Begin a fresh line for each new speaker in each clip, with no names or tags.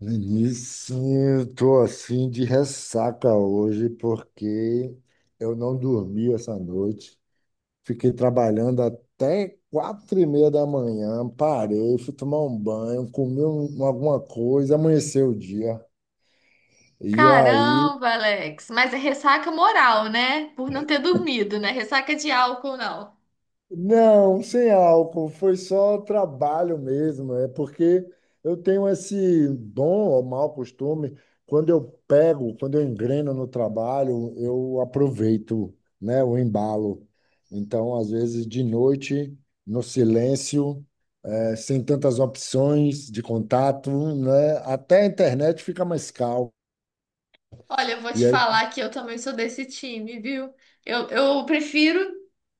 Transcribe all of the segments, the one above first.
Vinícius, eu tô assim de ressaca hoje porque eu não dormi essa noite. Fiquei trabalhando até quatro e meia da manhã, parei, fui tomar um banho, comi alguma coisa, amanheceu o dia. E aí,
Caramba, Alex. Mas é ressaca moral, né? Por não ter dormido, né? Ressaca de álcool, não.
não, sem álcool, foi só trabalho mesmo. É porque eu tenho esse bom ou mau costume, quando eu engreno no trabalho, eu aproveito, né, o embalo. Então, às vezes, de noite, no silêncio, sem tantas opções de contato, né, até a internet fica mais calma.
Olha, eu vou te falar que eu também sou desse time, viu? Eu prefiro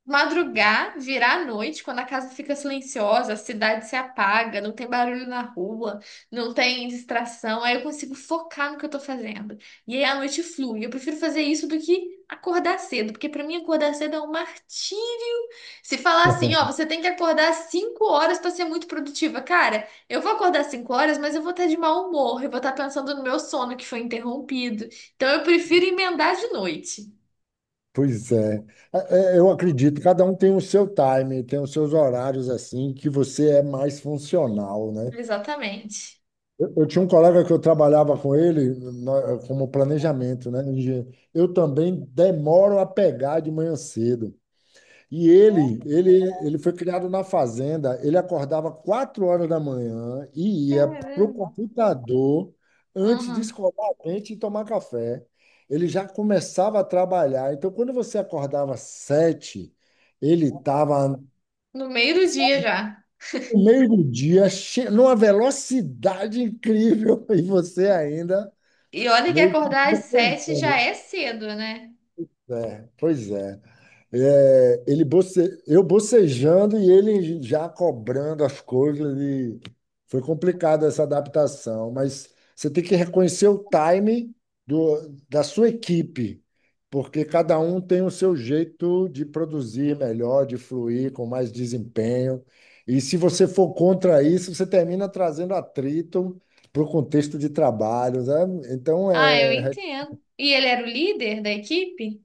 madrugar, virar a noite, quando a casa fica silenciosa, a cidade se apaga, não tem barulho na rua, não tem distração, aí eu consigo focar no que eu tô fazendo. E aí a noite flui. Eu prefiro fazer isso do que acordar cedo, porque pra mim acordar cedo é um martírio. Se falar assim, ó, você tem que acordar às 5 horas pra ser muito produtiva. Cara, eu vou acordar às 5 horas, mas eu vou estar de mau humor, eu vou estar pensando no meu sono que foi interrompido. Então eu prefiro emendar de noite.
Pois é. Eu acredito, cada um tem o seu time, tem os seus horários assim, que você é mais funcional, né?
Exatamente.
Eu tinha um colega que eu trabalhava com ele como planejamento, né? Engenheiro. Eu também demoro a pegar de manhã cedo, e ele foi criado na fazenda. Ele acordava quatro horas da manhã e ia para o
Caramba.
computador antes de
Uhum.
escovar a dente e tomar café. Ele já começava a trabalhar. Então, quando você acordava às sete, ele estava
No meio do dia já.
no meio do dia, numa velocidade incrível, e você ainda
E olha que
meio que
acordar às 7 já
bocejando.
é cedo, né?
É, pois é. É, ele boce... Eu bocejando e ele já cobrando as coisas. Foi complicado essa adaptação, mas você tem que reconhecer o time do... da sua equipe, porque cada um tem o seu jeito de produzir melhor, de fluir com mais desempenho. E se você for contra isso, você termina trazendo atrito para o contexto de trabalho, né? Então,
Ah, eu
é
entendo. E ele era o líder da equipe?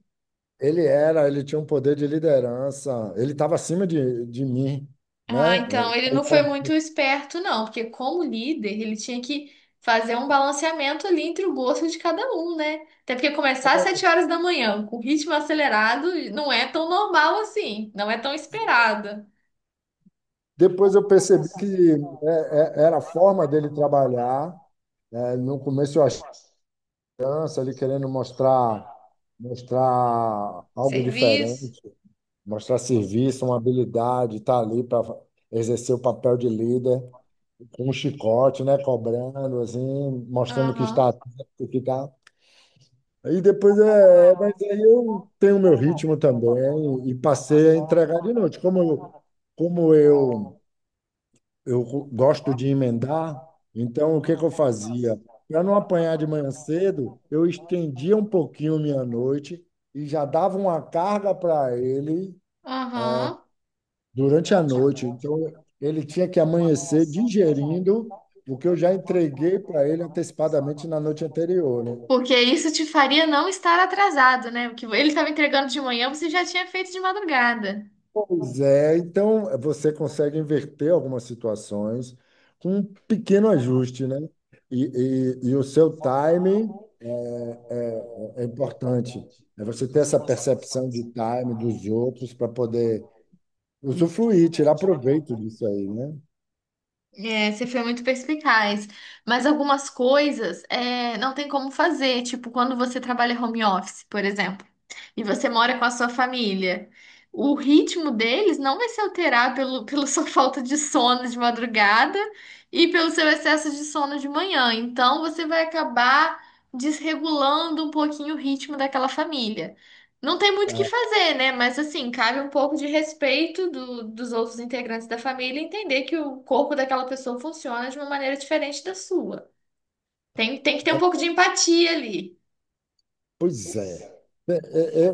ele era, ele tinha um poder de liderança, ele estava acima de mim, né?
Ah, então ele não foi muito esperto, não, porque como líder, ele tinha que fazer um balanceamento ali entre o gosto de cada um, né? Até porque começar às 7 horas da manhã, com ritmo acelerado, não é tão normal assim, não é tão esperado.
Depois eu percebi que era a forma dele trabalhar. É, no começo eu achei criança, ele querendo mostrar algo
Serviço.
diferente, mostrar serviço, uma habilidade, estar ali para exercer o papel de líder, com um chicote, né? Cobrando, assim, mostrando que está
Aham,
atento, que está. Aí depois, mas aí eu tenho meu ritmo também e passei a entregar de noite. Como eu, gosto de emendar, então o que que eu fazia? Para não apanhar de manhã cedo, eu estendia um pouquinho minha noite e já dava uma carga para ele
aham.
durante a noite. Então ele tinha que amanhecer digerindo o que eu já entreguei para ele antecipadamente na noite anterior, né?
Porque isso te faria não estar atrasado, né? O que ele estava entregando de manhã, você já tinha feito de madrugada.
Pois é, então você consegue inverter algumas situações com um pequeno ajuste, né? E, e o seu time é, é é importante. É você ter essa percepção de time dos outros para poder usufruir, tirar proveito disso aí, né?
É, você foi muito perspicaz. Mas algumas coisas é, não tem como fazer. Tipo, quando você trabalha home office, por exemplo, e você mora com a sua família, o ritmo deles não vai se alterar pela sua falta de sono de madrugada e pelo seu excesso de sono de manhã. Então, você vai acabar desregulando um pouquinho o ritmo daquela família. Não tem muito o que
Ah,
fazer, né? Mas assim, cabe um pouco de respeito dos outros integrantes da família e entender que o corpo daquela pessoa funciona de uma maneira diferente da sua. Tem que ter um pouco de empatia ali.
pois é. É, é, é,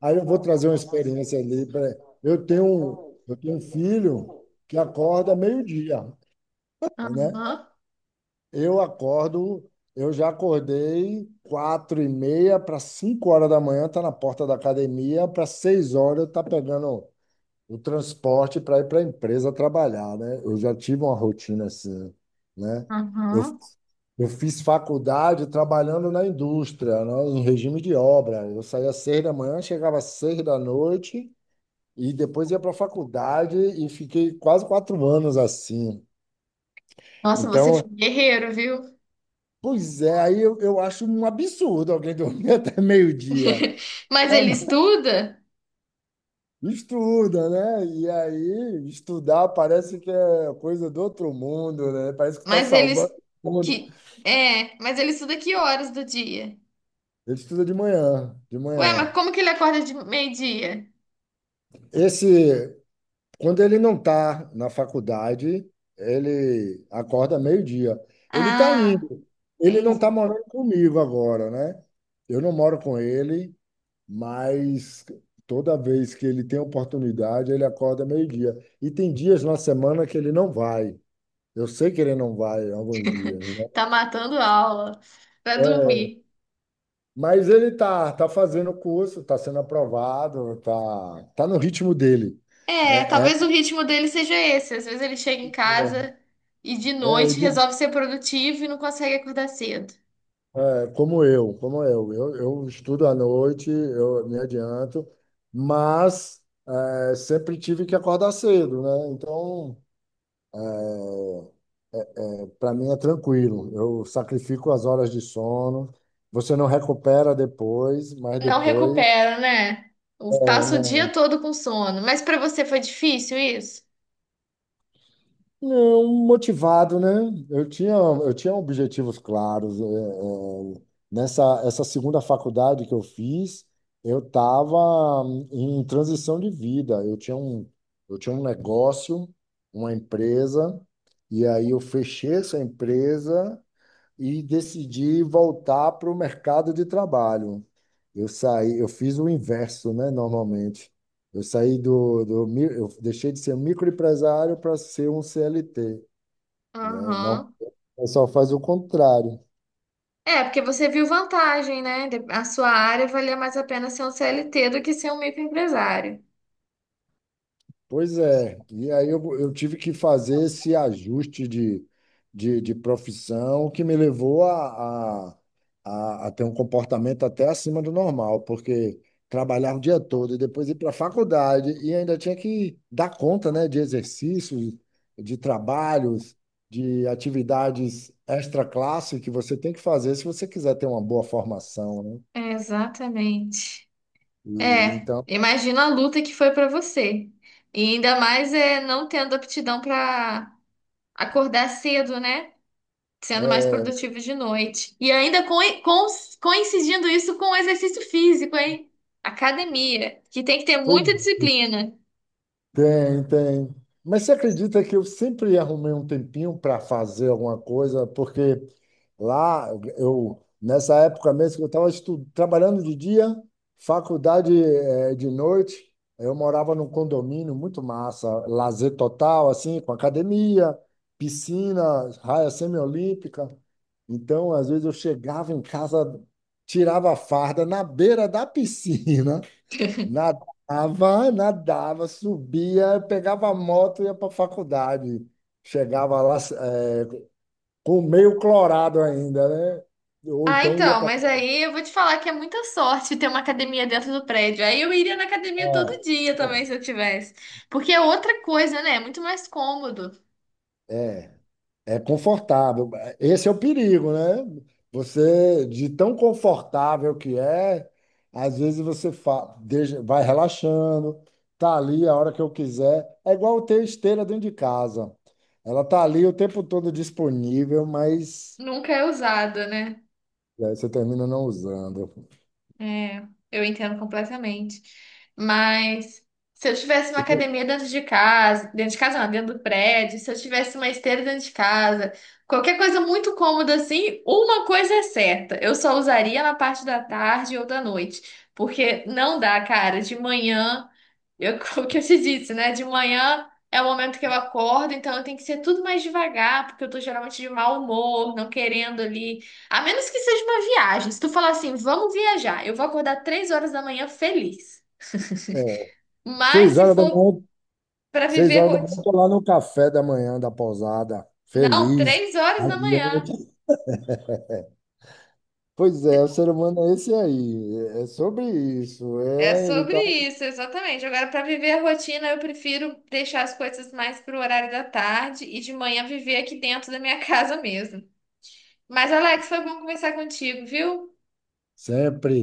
aí eu vou trazer uma experiência ali. Eu tenho, eu tenho um filho que acorda meio-dia,
Aham,
né? Eu acordo, eu já acordei quatro e meia para cinco horas da manhã, tá na porta da academia, para seis horas eu tá pegando o transporte para ir para a empresa trabalhar, né? Eu já tive uma rotina assim, né? Eu,
aham.
eu fiz faculdade trabalhando na indústria, né, em regime de obra. Eu saía às seis da manhã, chegava às seis da noite e depois ia para a faculdade e fiquei quase quatro anos assim.
Nossa, você foi
Então,
guerreiro, viu?
Pois é, aí eu acho um absurdo alguém dormir até meio-dia.
Mas
É,
ele
mas
estuda?
estuda, né? E aí, estudar parece que é coisa do outro mundo, né? Parece que está
Mas ele
salvando
es-
o mundo.
que é, mas ele estuda que horas do dia?
Ele estuda de manhã, de
Ué, mas
manhã.
como que ele acorda de meio-dia?
Esse, quando ele não está na faculdade, ele acorda meio-dia. Ele está
Ah,
indo. Ele não
entendi.
está morando comigo agora, né? Eu não moro com ele, mas toda vez que ele tem oportunidade, ele acorda meio-dia. E tem dias na semana que ele não vai. Eu sei que ele não vai alguns dias, né?
Tá matando aula pra
É,
dormir.
mas ele tá fazendo o curso, tá sendo aprovado, tá no ritmo dele.
É,
É,
talvez o ritmo dele seja esse. Às vezes ele chega em casa e de
é, é,
noite
de-
resolve ser produtivo e não consegue acordar cedo.
como eu, como eu. Eu estudo à noite, eu me adianto, mas é, sempre tive que acordar cedo, né? Então, para mim é tranquilo. Eu sacrifico as horas de sono. Você não recupera depois, mas
Não
depois
recupera, né? O-
é,
Passa o dia
não.
todo com sono. Mas pra você foi difícil isso?
Não, motivado, né? Eu tinha objetivos claros. Nessa essa segunda faculdade que eu fiz, eu estava em transição de vida. Eu tinha um negócio, uma empresa, e aí eu fechei essa empresa e decidi voltar para o mercado de trabalho. Eu fiz o inverso, né, normalmente. Eu saí do eu deixei de ser um microempresário para ser um CLT, né? Não, o
Aham.
pessoal faz o contrário.
É, porque você viu vantagem, né? De- A sua área valia mais a pena ser um CLT do que ser um microempresário.
Pois é, e aí eu tive que fazer esse ajuste de profissão que me levou a ter um comportamento até acima do normal, porque trabalhar o dia todo e depois ir para a faculdade e ainda tinha que dar conta, né, de exercícios, de trabalhos, de atividades extra-classe que você tem que fazer se você quiser ter uma boa formação, né?
É, exatamente.
E,
É,
então,
imagina a luta que foi pra você. E ainda mais é não tendo aptidão pra acordar cedo, né? Sendo mais produtivo de noite. E ainda coincidindo isso com o exercício físico, hein? Academia, que tem que ter muita disciplina.
tem, tem. Mas você acredita que eu sempre arrumei um tempinho para fazer alguma coisa? Porque lá, eu, nessa época mesmo, que eu estava trabalhando de dia, faculdade de noite, eu morava num condomínio muito massa, lazer total, assim, com academia, piscina, raia semiolímpica. Então, às vezes eu chegava em casa, tirava a farda na beira da piscina na Nadava, subia, pegava a moto e ia para a faculdade. Chegava lá, com meio clorado ainda, né? Ou
Ah,
então ia
então,
para.
mas aí eu vou te falar que é muita sorte ter uma academia dentro do prédio. Aí eu iria na academia todo dia também se
É,
eu tivesse. Porque é outra coisa, né? É muito mais cômodo.
é é confortável. Esse é o perigo, né? Você, de tão confortável que é, às vezes você vai relaxando, tá ali a hora que eu quiser. É igual ter esteira dentro de casa. Ela tá ali o tempo todo disponível, mas
Nunca é usado, né?
é, você termina não usando.
É, eu entendo completamente. Mas se eu tivesse uma
Eu-
academia dentro de casa não, dentro do prédio, se eu tivesse uma esteira dentro de casa, qualquer coisa muito cômoda assim, uma coisa é certa, eu só usaria na parte da tarde ou da noite, porque não dá, cara, de manhã eu, o que eu te disse, né? De manhã é o momento que eu acordo, então eu tenho que ser tudo mais devagar, porque eu tô geralmente de mau humor, não querendo ali. A menos que seja uma viagem. Se tu falar assim, vamos viajar, eu vou acordar 3 horas da manhã feliz.
É,
Mas
seis
se
horas da
for
manhã,
pra
seis
viver
horas da manhã, eu
rotina.
tô lá no café da manhã da pousada,
Não,
feliz,
3 horas da manhã.
radiante. Pois é, o ser humano é esse aí, é sobre isso,
É
é, ele
sobre
tá
isso, exatamente. Agora, pra viver a rotina, eu prefiro deixar as coisas mais pro horário da tarde e de manhã viver aqui dentro da minha casa mesmo. Mas, Alex, foi bom conversar contigo, viu?
sempre.